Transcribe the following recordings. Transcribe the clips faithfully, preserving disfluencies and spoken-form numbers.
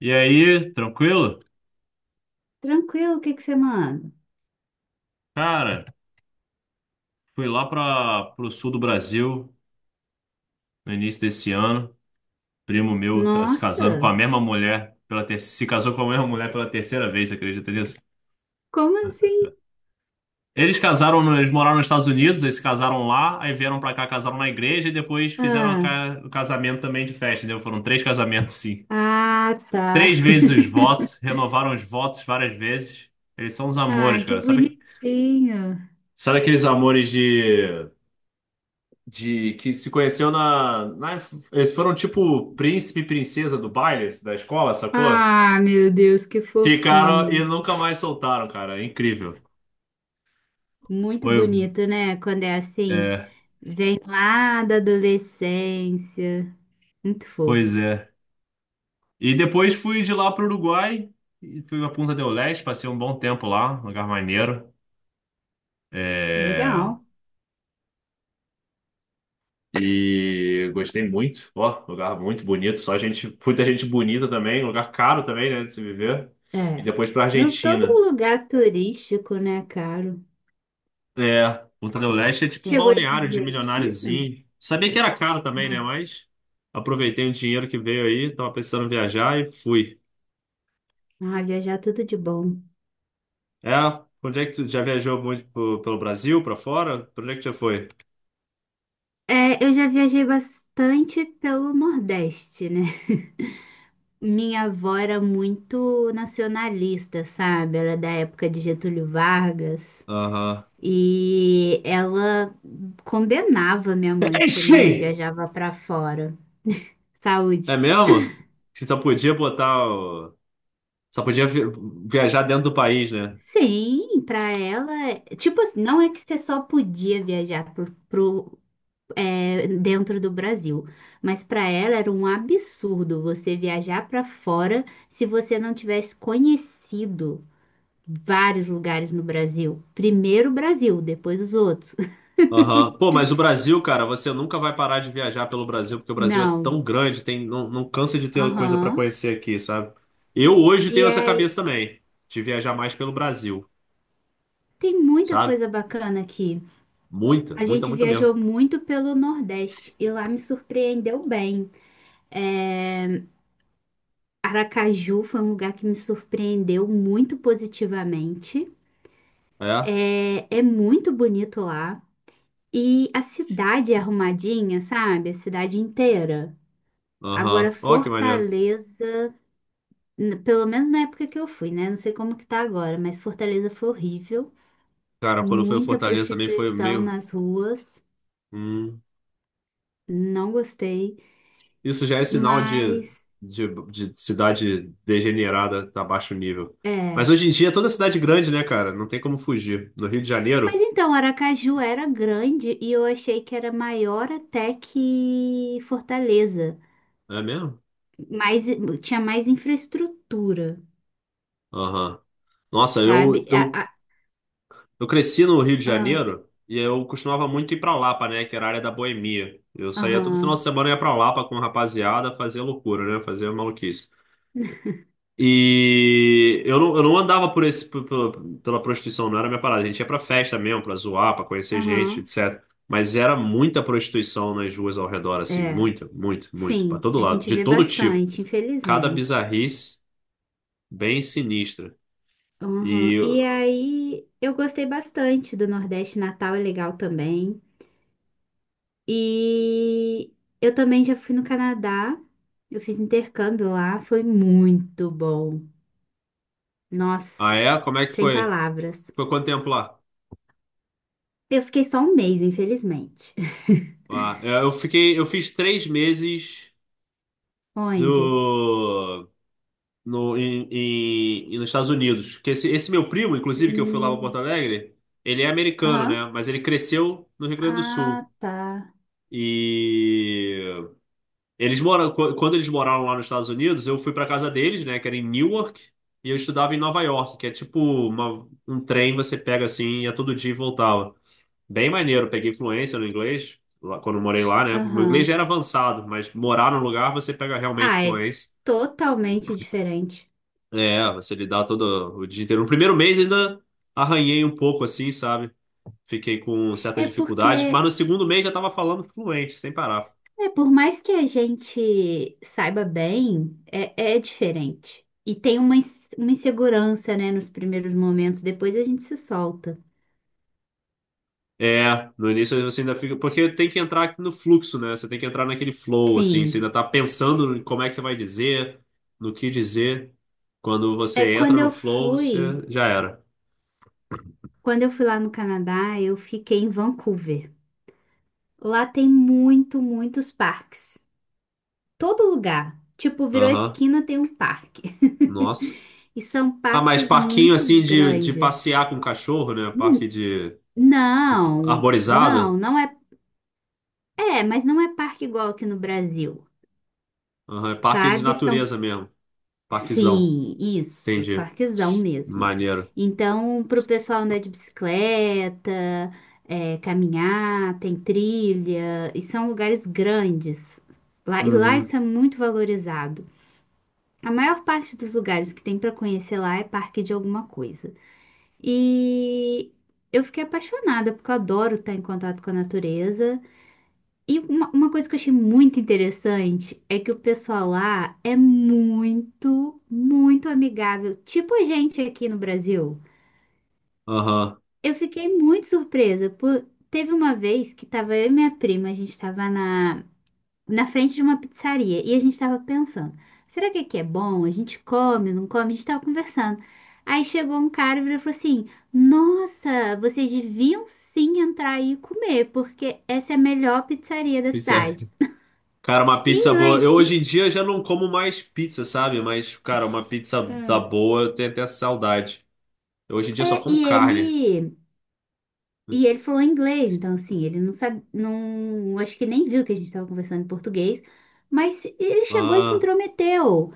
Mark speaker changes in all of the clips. Speaker 1: E aí, tranquilo?
Speaker 2: Tranquilo, o que é que você manda?
Speaker 1: Cara, fui lá para o sul do Brasil no início desse ano. Primo meu tá se casando com
Speaker 2: Nossa,
Speaker 1: a mesma mulher pela ter... se casou com a mesma mulher pela terceira vez, você acredita nisso?
Speaker 2: como assim?
Speaker 1: Eles casaram, no- eles moraram nos Estados Unidos, eles se casaram lá, aí vieram para cá, casaram na igreja e depois fizeram a
Speaker 2: Ah,
Speaker 1: ca- o casamento também de festa, entendeu? Foram três casamentos, sim.
Speaker 2: ah, tá.
Speaker 1: Três vezes os votos, renovaram os votos várias vezes. Eles são uns
Speaker 2: Ah,
Speaker 1: amores,
Speaker 2: que
Speaker 1: cara. Sabe,
Speaker 2: bonitinho.
Speaker 1: sabe aqueles amores de de que se conheceu na, na- eles foram tipo príncipe e princesa do baile da escola, sacou?
Speaker 2: Ah, meu Deus, que
Speaker 1: Ficaram e
Speaker 2: fofinho.
Speaker 1: nunca mais soltaram, cara. É incrível.
Speaker 2: Muito
Speaker 1: Foi,
Speaker 2: bonito, né? Quando é assim,
Speaker 1: é,
Speaker 2: vem lá da adolescência. Muito
Speaker 1: pois
Speaker 2: fofo.
Speaker 1: é. E depois fui de lá pro Uruguai e fui pra Punta del Este, passei um bom tempo lá, um lugar maneiro. É,
Speaker 2: Legal.
Speaker 1: e gostei muito. Ó, lugar muito bonito, só gente, muita gente bonita também, lugar caro também, né, de se viver. E
Speaker 2: É.
Speaker 1: depois pra
Speaker 2: Não, todo
Speaker 1: Argentina.
Speaker 2: lugar turístico, né, caro?
Speaker 1: É, Ultra Leste é tipo um
Speaker 2: Chegou aí na
Speaker 1: balneário de
Speaker 2: Argentina?
Speaker 1: milionáriozinho. Sabia que era caro também,
Speaker 2: Ah,
Speaker 1: né? Mas aproveitei o dinheiro que veio aí, tava pensando em viajar e fui.
Speaker 2: ah, viajar tudo de bom.
Speaker 1: É, onde é que tu já viajou muito pro- pelo Brasil, pra fora? Pra onde é que já foi?
Speaker 2: É, eu já viajei bastante pelo Nordeste, né? Minha avó era muito nacionalista, sabe? Ela é da época de Getúlio Vargas
Speaker 1: Aham.
Speaker 2: e ela condenava minha mãe, porque minha mãe
Speaker 1: Enfim,
Speaker 2: viajava pra fora.
Speaker 1: é
Speaker 2: Saúde.
Speaker 1: mesmo? Você só podia botar. O- Só podia vi- viajar dentro do país, né?
Speaker 2: Sim, pra ela, tipo assim, não é que você só podia viajar pro, pro é, dentro do Brasil. Mas para ela era um absurdo você viajar para fora se você não tivesse conhecido vários lugares no Brasil. Primeiro o Brasil, depois os outros.
Speaker 1: Aham. Pô, mas o Brasil, cara, você nunca vai parar de viajar pelo Brasil, porque o Brasil é
Speaker 2: Não.
Speaker 1: tão grande, tem, não, não cansa de ter coisa pra
Speaker 2: Aham.
Speaker 1: conhecer aqui, sabe? Eu hoje
Speaker 2: E
Speaker 1: tenho essa cabeça
Speaker 2: aí
Speaker 1: também, de viajar mais pelo Brasil,
Speaker 2: tem muita
Speaker 1: sabe?
Speaker 2: coisa bacana aqui.
Speaker 1: Muita,
Speaker 2: A
Speaker 1: muita,
Speaker 2: gente
Speaker 1: muita mesmo.
Speaker 2: viajou muito pelo Nordeste e lá me surpreendeu bem. Aracaju foi um lugar que me surpreendeu muito positivamente.
Speaker 1: É?
Speaker 2: É, é muito bonito lá. E a cidade é arrumadinha, sabe? A cidade inteira. Agora,
Speaker 1: Aham. Ó, que maneiro.
Speaker 2: Fortaleza, n- pelo menos na época que eu fui, né? Não sei como que tá agora, mas Fortaleza foi horrível.
Speaker 1: Cara, quando foi o
Speaker 2: Muita
Speaker 1: Fortaleza também foi
Speaker 2: prostituição
Speaker 1: meio.
Speaker 2: nas ruas.
Speaker 1: hum,
Speaker 2: Não gostei.
Speaker 1: Isso já é sinal de,
Speaker 2: Mas,
Speaker 1: de, de cidade degenerada, tá baixo nível.
Speaker 2: é.
Speaker 1: Mas hoje em dia é toda cidade grande, né, cara? Não tem como fugir. No Rio de
Speaker 2: Mas
Speaker 1: Janeiro,
Speaker 2: então, Aracaju era grande e eu achei que era maior até que Fortaleza.
Speaker 1: é mesmo?
Speaker 2: Mais, tinha mais infraestrutura,
Speaker 1: Aham. Nossa,
Speaker 2: sabe?
Speaker 1: eu,
Speaker 2: A-
Speaker 1: eu,
Speaker 2: a-
Speaker 1: eu cresci no Rio de
Speaker 2: ah,
Speaker 1: Janeiro e eu costumava muito ir pra Lapa, né? Que era a área da boemia. Eu saía todo final de
Speaker 2: aham,
Speaker 1: semana e ia pra Lapa com a rapaziada fazer loucura, né? Fazer maluquice. E eu não, eu não andava por esse, por- pela, pela prostituição, não era minha parada. A gente ia pra festa mesmo, pra zoar, pra conhecer gente,
Speaker 2: aham,
Speaker 1: etcétera. Mas era muita prostituição nas ruas ao redor, assim.
Speaker 2: é.
Speaker 1: Muita, muito, muito. Pra
Speaker 2: Sim,
Speaker 1: todo
Speaker 2: a
Speaker 1: lado.
Speaker 2: gente
Speaker 1: De
Speaker 2: vê
Speaker 1: todo tipo.
Speaker 2: bastante,
Speaker 1: Cada
Speaker 2: infelizmente.
Speaker 1: bizarrice bem sinistra.
Speaker 2: Uhum.
Speaker 1: E.
Speaker 2: E aí, eu gostei bastante do Nordeste, Natal é legal também. E eu também já fui no Canadá, eu fiz intercâmbio lá, foi muito bom.
Speaker 1: Ah,
Speaker 2: Nossa,
Speaker 1: é? Como é que
Speaker 2: sem
Speaker 1: foi?
Speaker 2: palavras.
Speaker 1: Foi quanto tempo lá?
Speaker 2: Eu fiquei só um mês, infelizmente.
Speaker 1: Ah, eu eu fiquei, eu fiz três meses
Speaker 2: Onde?
Speaker 1: do no em, em- em- nos Estados Unidos. Porque esse, esse meu primo, inclusive, que eu fui lá para Porto
Speaker 2: Hum,
Speaker 1: Alegre, ele é americano, né?
Speaker 2: aham.
Speaker 1: Mas ele cresceu no Rio Grande do Sul.
Speaker 2: Ah, tá.
Speaker 1: E eles moram, qu- quando eles moraram lá nos Estados Unidos, eu fui para casa deles, né? Que era em Newark, e eu estudava em Nova York, que é tipo uma- um trem você pega assim, ia todo dia e voltava. Bem maneiro, peguei fluência no inglês, lá, quando eu morei lá, né? Meu inglês já
Speaker 2: Aham.
Speaker 1: era avançado, mas morar no lugar você pega realmente
Speaker 2: Ah, é
Speaker 1: fluência.
Speaker 2: totalmente diferente.
Speaker 1: É, você lidar todo o dia inteiro. No primeiro mês ainda arranhei um pouco assim, sabe? Fiquei com certas
Speaker 2: É
Speaker 1: dificuldades, mas
Speaker 2: porque
Speaker 1: no segundo mês já tava falando fluente, sem parar.
Speaker 2: é, por mais que a gente saiba bem, é, é diferente. E tem uma, ins- uma insegurança, né, nos primeiros momentos, depois a gente se solta.
Speaker 1: É, no início você ainda fica. Porque tem que entrar no fluxo, né? Você tem que entrar naquele flow, assim. Você
Speaker 2: Sim.
Speaker 1: ainda tá pensando em como é que você vai dizer, no que dizer. Quando
Speaker 2: É
Speaker 1: você entra
Speaker 2: quando
Speaker 1: no
Speaker 2: eu
Speaker 1: flow, você
Speaker 2: fui,
Speaker 1: já era.
Speaker 2: quando eu fui lá no Canadá, eu fiquei em Vancouver. Lá tem muito, muitos parques. Todo lugar. Tipo, virou
Speaker 1: Aham.
Speaker 2: esquina, tem um parque.
Speaker 1: Nossa.
Speaker 2: E são
Speaker 1: Ah, mas
Speaker 2: parques
Speaker 1: parquinho
Speaker 2: muito
Speaker 1: assim de, de
Speaker 2: grandes.
Speaker 1: passear com o cachorro, né? Parque
Speaker 2: N-
Speaker 1: de, de f-
Speaker 2: Não, não,
Speaker 1: arborizado.
Speaker 2: não é é, mas não é parque igual aqui no Brasil,
Speaker 1: Aham, é parque de
Speaker 2: sabe? São,
Speaker 1: natureza mesmo. Parquezão.
Speaker 2: sim, isso,
Speaker 1: Entendi.
Speaker 2: parquezão mesmo.
Speaker 1: Maneiro.
Speaker 2: Então, para o pessoal andar de bicicleta, é, caminhar, tem trilha, e são lugares grandes. Lá, e lá
Speaker 1: Uhum.
Speaker 2: isso é muito valorizado. A maior parte dos lugares que tem para conhecer lá é parque de alguma coisa. E eu fiquei apaixonada, porque eu adoro estar em contato com a natureza. E uma, uma coisa que eu achei muito interessante é que o pessoal lá é muito, muito amigável, tipo a gente aqui no Brasil.
Speaker 1: Aham.
Speaker 2: Eu fiquei muito surpresa, por... teve uma vez que tava eu e minha prima, a gente tava na, na frente de uma pizzaria e a gente tava pensando, será que aqui é bom? A gente come, não come? A gente tava conversando. Aí chegou um cara e virou e falou assim, nossa, vocês deviam sim entrar aí e comer, porque essa é a melhor pizzaria da
Speaker 1: Pizza.
Speaker 2: cidade.
Speaker 1: Cara, uma
Speaker 2: Em
Speaker 1: pizza boa.
Speaker 2: inglês.
Speaker 1: Eu hoje
Speaker 2: E,
Speaker 1: em dia já não como mais pizza, sabe? Mas, cara, uma pizza da
Speaker 2: hum,
Speaker 1: boa, eu tenho até saudade. Eu hoje em dia só
Speaker 2: é,
Speaker 1: como
Speaker 2: e
Speaker 1: carne.
Speaker 2: ele e ele falou inglês, então assim, ele não sabe, não, acho que nem viu que a gente estava conversando em português, mas ele chegou e se
Speaker 1: Ah.
Speaker 2: intrometeu,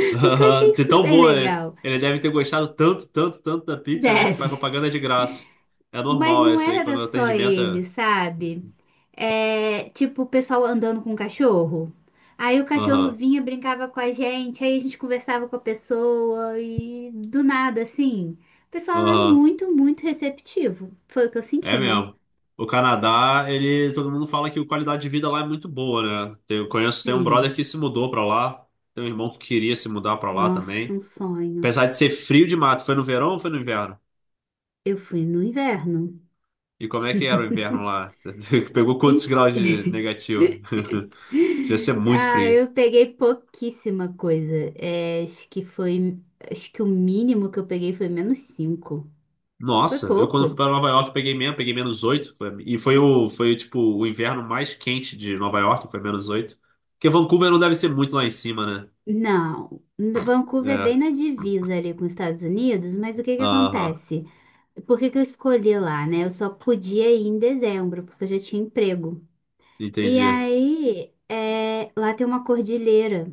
Speaker 2: o que eu
Speaker 1: Aham.
Speaker 2: achei
Speaker 1: Ser tão
Speaker 2: super
Speaker 1: boa, né?
Speaker 2: legal.
Speaker 1: Ele deve ter gostado tanto, tanto, tanto da pizza, né? Que faz
Speaker 2: Deve.
Speaker 1: propaganda de graça. É
Speaker 2: Mas
Speaker 1: normal
Speaker 2: não
Speaker 1: essa aí,
Speaker 2: era
Speaker 1: quando o
Speaker 2: só
Speaker 1: atendimento é.
Speaker 2: ele, sabe? É, tipo, o pessoal andando com o cachorro. Aí o cachorro
Speaker 1: Aham.
Speaker 2: vinha, brincava com a gente, aí a gente conversava com a pessoa e do nada, assim. O pessoal é
Speaker 1: Aham,
Speaker 2: muito, muito receptivo. Foi o que eu
Speaker 1: é
Speaker 2: senti, né?
Speaker 1: mesmo. O Canadá, ele, todo mundo fala que a qualidade de vida lá é muito boa, né? Tem- Eu conheço, tem um
Speaker 2: Sim.
Speaker 1: brother que se mudou pra lá, tem um irmão que queria se mudar pra lá
Speaker 2: Nossa,
Speaker 1: também.
Speaker 2: um sonho.
Speaker 1: Apesar de ser frio de mato, foi no verão ou foi no inverno?
Speaker 2: Eu fui no inverno.
Speaker 1: E como é que era o inverno lá? Pegou quantos
Speaker 2: Em-
Speaker 1: graus de negativo? Devia ser muito
Speaker 2: Ah,
Speaker 1: frio.
Speaker 2: eu peguei pouquíssima coisa. É, acho que foi. Acho que o mínimo que eu peguei foi menos cinco. Por
Speaker 1: Nossa, eu quando fui
Speaker 2: pouco?
Speaker 1: pra Nova York peguei menos, peguei menos oito foi- e foi o foi tipo o inverno mais quente de Nova York, foi menos oito. Porque Vancouver não deve ser muito lá em cima, né?
Speaker 2: Não. N- Vancouver é bem
Speaker 1: É.
Speaker 2: na divisa ali com os Estados Unidos, mas o que que
Speaker 1: Aham.
Speaker 2: acontece? Por que que eu escolhi lá, né? Eu só podia ir em dezembro, porque eu já tinha emprego. E
Speaker 1: Entendi.
Speaker 2: aí, é, lá tem uma cordilheira.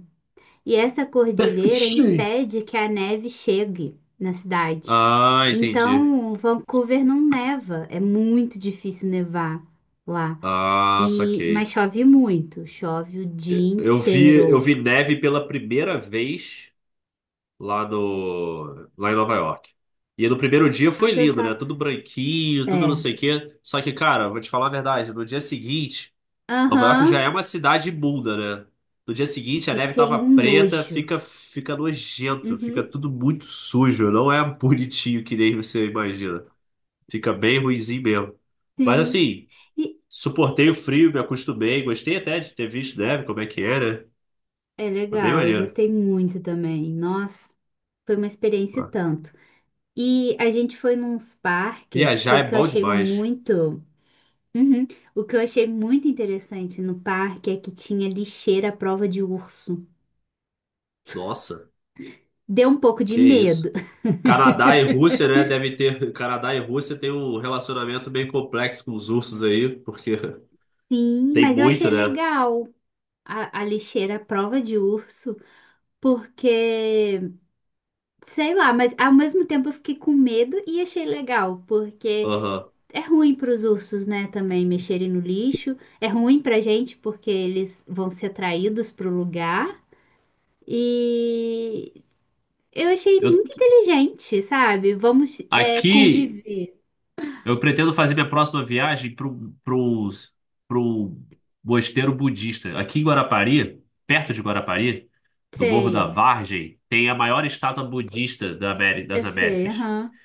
Speaker 2: E essa cordilheira
Speaker 1: Sim.
Speaker 2: impede que a neve chegue na cidade.
Speaker 1: Ah, entendi.
Speaker 2: Então, Vancouver não neva. É muito difícil nevar lá.
Speaker 1: Ah,
Speaker 2: E, mas
Speaker 1: saquei.
Speaker 2: chove muito. Chove o dia
Speaker 1: Eu vi, eu
Speaker 2: inteiro.
Speaker 1: vi neve pela primeira vez lá no, lá em Nova York. E no primeiro dia
Speaker 2: A
Speaker 1: foi lindo, né?
Speaker 2: sensação.
Speaker 1: Tudo branquinho, tudo não
Speaker 2: É.
Speaker 1: sei o quê. Só que, cara, vou te falar a verdade, no dia seguinte, Nova York já é
Speaker 2: Aham,
Speaker 1: uma cidade imunda, né? No dia seguinte a neve tava
Speaker 2: fiquei um
Speaker 1: preta,
Speaker 2: nojo.
Speaker 1: fica fica nojento, fica
Speaker 2: Uhum,
Speaker 1: tudo muito sujo, não é bonitinho que nem você imagina. Fica bem ruinzinho mesmo. Mas
Speaker 2: sim.
Speaker 1: assim,
Speaker 2: E
Speaker 1: suportei o frio, me acostumei. Gostei até de ter visto neve, como é que era.
Speaker 2: é
Speaker 1: Foi bem
Speaker 2: legal, eu
Speaker 1: maneiro.
Speaker 2: gostei muito também. Nossa, foi uma experiência e
Speaker 1: Ah,
Speaker 2: tanto. E a gente foi nos parques que
Speaker 1: viajar
Speaker 2: o
Speaker 1: é
Speaker 2: que eu
Speaker 1: bom
Speaker 2: achei
Speaker 1: demais.
Speaker 2: muito. Uhum, o que eu achei muito interessante no parque é que tinha lixeira à prova de urso.
Speaker 1: Nossa,
Speaker 2: Deu um pouco de
Speaker 1: que isso.
Speaker 2: medo.
Speaker 1: Canadá e Rússia, né? Deve ter. Canadá e Rússia tem um relacionamento bem complexo com os ursos aí, porque
Speaker 2: Sim,
Speaker 1: tem
Speaker 2: mas eu
Speaker 1: muito,
Speaker 2: achei
Speaker 1: né?
Speaker 2: legal a, a lixeira à prova de urso, porque. Sei lá, mas ao mesmo tempo eu fiquei com medo e achei legal, porque
Speaker 1: Aham.
Speaker 2: é ruim para os ursos, né, também mexerem no lixo, é ruim pra gente porque eles vão ser atraídos pro lugar. E eu achei
Speaker 1: Eu,
Speaker 2: muito inteligente, sabe? Vamos é,
Speaker 1: aqui
Speaker 2: conviver.
Speaker 1: eu pretendo fazer minha próxima viagem pro, pros, pro mosteiro budista. Aqui em Guarapari, perto de Guarapari, do Morro da
Speaker 2: Sei,
Speaker 1: Vargem, tem a maior estátua budista da Ameri-
Speaker 2: eu
Speaker 1: das
Speaker 2: sei,
Speaker 1: Américas.
Speaker 2: aham.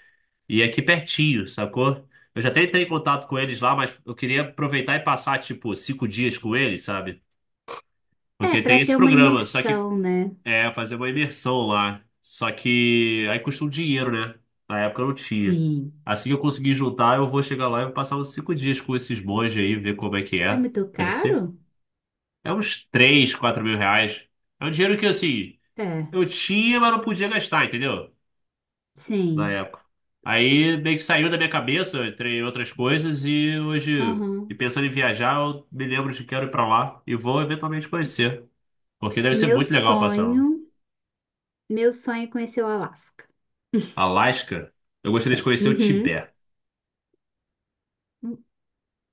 Speaker 1: E é aqui pertinho, sacou? Eu já até entrei em contato com eles lá, mas eu queria aproveitar e passar, tipo, cinco dias com eles, sabe?
Speaker 2: É,
Speaker 1: Porque
Speaker 2: para
Speaker 1: tem esse
Speaker 2: ter uma
Speaker 1: programa. Só que
Speaker 2: imersão, né?
Speaker 1: é, fazer uma imersão lá. Só que aí custa um dinheiro, né? Na época eu não tinha.
Speaker 2: Sim.
Speaker 1: Assim que eu conseguir juntar, eu vou chegar lá e vou passar uns cinco dias com esses monges aí, ver como é que
Speaker 2: É
Speaker 1: é.
Speaker 2: muito
Speaker 1: Deve ser.
Speaker 2: caro?
Speaker 1: É uns três, quatro mil reais. É um dinheiro que, assim,
Speaker 2: É,
Speaker 1: eu tinha, mas não podia gastar, entendeu? Na
Speaker 2: sim.
Speaker 1: época. Aí meio que saiu da minha cabeça, entre outras coisas, e hoje, e
Speaker 2: Aham.
Speaker 1: pensando em viajar, eu me lembro de que quero ir pra lá e vou eventualmente conhecer. Porque deve ser
Speaker 2: Meu
Speaker 1: muito legal passar.
Speaker 2: sonho, meu sonho é conhecer o Alasca.
Speaker 1: Alasca? Eu gostaria de conhecer o
Speaker 2: Uhum.
Speaker 1: Tibete.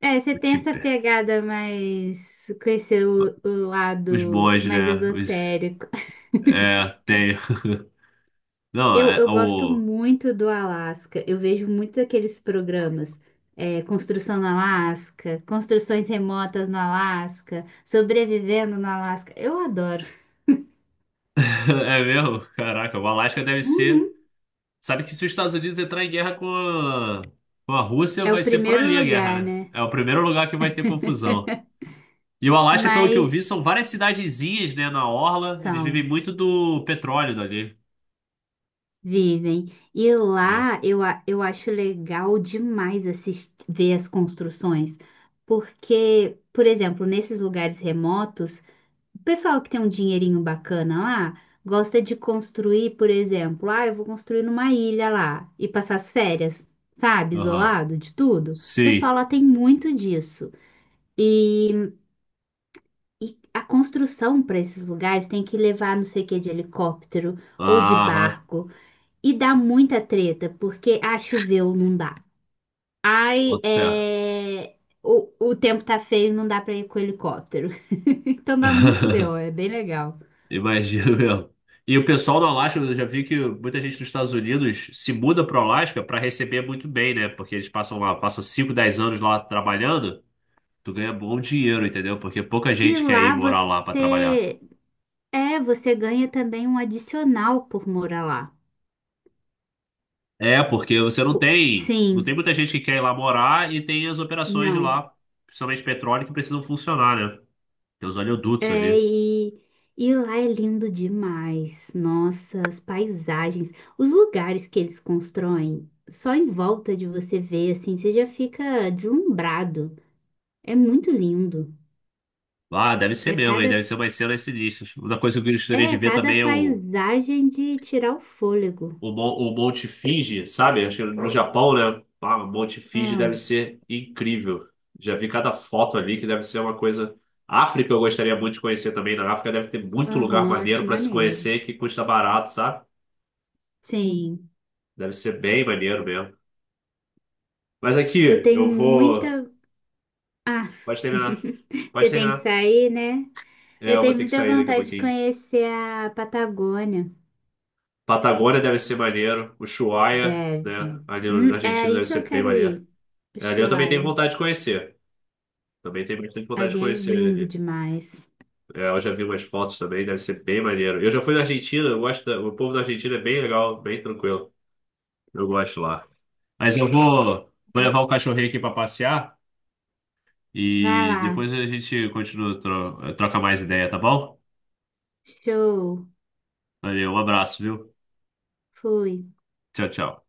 Speaker 2: É, você
Speaker 1: O
Speaker 2: tem essa
Speaker 1: Tibete.
Speaker 2: pegada mais com esse o, o
Speaker 1: Os
Speaker 2: lado
Speaker 1: monges,
Speaker 2: mais
Speaker 1: né? Os...
Speaker 2: esotérico.
Speaker 1: É, tem. Não,
Speaker 2: Eu,
Speaker 1: é,
Speaker 2: eu gosto
Speaker 1: o...
Speaker 2: muito do Alasca. Eu vejo muito aqueles programas, é, Construção no Alasca, Construções Remotas no Alasca, Sobrevivendo no Alasca. Eu adoro.
Speaker 1: é mesmo? Caraca, o Alasca deve
Speaker 2: Uhum.
Speaker 1: ser. Sabe que se os Estados Unidos entrar em guerra com a... com a Rússia,
Speaker 2: É o
Speaker 1: vai ser por
Speaker 2: primeiro
Speaker 1: ali a guerra,
Speaker 2: lugar,
Speaker 1: né?
Speaker 2: né?
Speaker 1: É o primeiro lugar que vai ter confusão. E o Alasca, pelo que eu vi,
Speaker 2: Mas
Speaker 1: são várias cidadezinhas, né, na orla. Eles vivem
Speaker 2: são.
Speaker 1: muito do petróleo dali,
Speaker 2: Vivem. E
Speaker 1: né?
Speaker 2: lá eu, a- eu acho legal demais assistir, ver as construções, porque, por exemplo, nesses lugares remotos, o pessoal que tem um dinheirinho bacana lá gosta de construir, por exemplo, ah, eu vou construir numa ilha lá e passar as férias, sabe,
Speaker 1: Aham.
Speaker 2: isolado de tudo. O
Speaker 1: Sim.
Speaker 2: pessoal lá tem muito disso. E, e a construção para esses lugares tem que levar não sei o que de helicóptero ou de
Speaker 1: Aham.
Speaker 2: barco. E dá muita treta, porque ah, choveu, não dá. Ai,
Speaker 1: Bota fé.
Speaker 2: é... o, o tempo tá feio, não dá pra ir com o helicóptero. Então dá muito B O, é bem legal.
Speaker 1: Imagino mesmo. E o pessoal no Alasca, eu já vi que muita gente dos Estados Unidos se muda para o Alasca para receber muito bem, né? Porque eles passam lá, passam cinco, dez anos lá trabalhando, tu ganha bom dinheiro, entendeu? Porque pouca
Speaker 2: E
Speaker 1: gente quer ir
Speaker 2: lá
Speaker 1: morar lá para trabalhar.
Speaker 2: você. É, você ganha também um adicional por morar lá.
Speaker 1: É, porque você não
Speaker 2: Po-
Speaker 1: tem, não tem
Speaker 2: sim,
Speaker 1: muita gente que quer ir lá morar e tem as operações de
Speaker 2: não.
Speaker 1: lá, principalmente petróleo, que precisam funcionar, né? Tem os oleodutos
Speaker 2: É,
Speaker 1: ali.
Speaker 2: e, e lá é lindo demais. Nossa, as paisagens, os lugares que eles constroem, só em volta de você ver, assim, você já fica deslumbrado. É muito lindo.
Speaker 1: Ah, deve
Speaker 2: É
Speaker 1: ser mesmo, hein?
Speaker 2: cada,
Speaker 1: Deve ser umas cenas sinistras. Uma coisa que eu gostaria de
Speaker 2: é
Speaker 1: ver
Speaker 2: cada
Speaker 1: também é o
Speaker 2: paisagem de tirar o fôlego.
Speaker 1: O, Mon- o Monte Fuji, sabe? Acho que no Japão, né? Ah, o Monte Fuji
Speaker 2: Ah,
Speaker 1: deve ser incrível. Já vi cada foto ali que deve ser uma coisa. África eu gostaria muito de conhecer também. Na África deve ter muito lugar
Speaker 2: aham, acho
Speaker 1: maneiro para se
Speaker 2: maneiro.
Speaker 1: conhecer que custa barato, sabe?
Speaker 2: Sim,
Speaker 1: Deve ser bem maneiro mesmo. Mas
Speaker 2: eu
Speaker 1: aqui,
Speaker 2: tenho
Speaker 1: eu vou.
Speaker 2: muita. Ah,
Speaker 1: Pode terminar. Pode
Speaker 2: você tem que
Speaker 1: terminar.
Speaker 2: sair, né?
Speaker 1: É,
Speaker 2: Eu
Speaker 1: eu vou
Speaker 2: tenho
Speaker 1: ter que
Speaker 2: muita
Speaker 1: sair daqui a
Speaker 2: vontade de
Speaker 1: pouquinho.
Speaker 2: conhecer a Patagônia.
Speaker 1: Patagônia deve ser maneiro. Ushuaia, né?
Speaker 2: Deve.
Speaker 1: Ali na
Speaker 2: Hum, é
Speaker 1: Argentina
Speaker 2: aí
Speaker 1: deve
Speaker 2: que eu
Speaker 1: ser bem
Speaker 2: quero
Speaker 1: maneiro.
Speaker 2: ir.
Speaker 1: É, ali eu também tenho
Speaker 2: Ushuaia.
Speaker 1: vontade de conhecer. Também tenho bastante vontade de
Speaker 2: Ali é
Speaker 1: conhecer
Speaker 2: lindo
Speaker 1: ali.
Speaker 2: demais.
Speaker 1: É, eu já vi umas fotos também, deve ser bem maneiro. Eu já fui na Argentina, eu gosto da- o povo da Argentina é bem legal, bem tranquilo. Eu gosto lá. Mas eu vou, vou levar o cachorrinho aqui para passear
Speaker 2: Vai
Speaker 1: e
Speaker 2: lá.
Speaker 1: depois a gente continua, tro- troca mais ideia, tá bom?
Speaker 2: Show.
Speaker 1: Valeu, um abraço, viu?
Speaker 2: Fui.
Speaker 1: Tchau, tchau.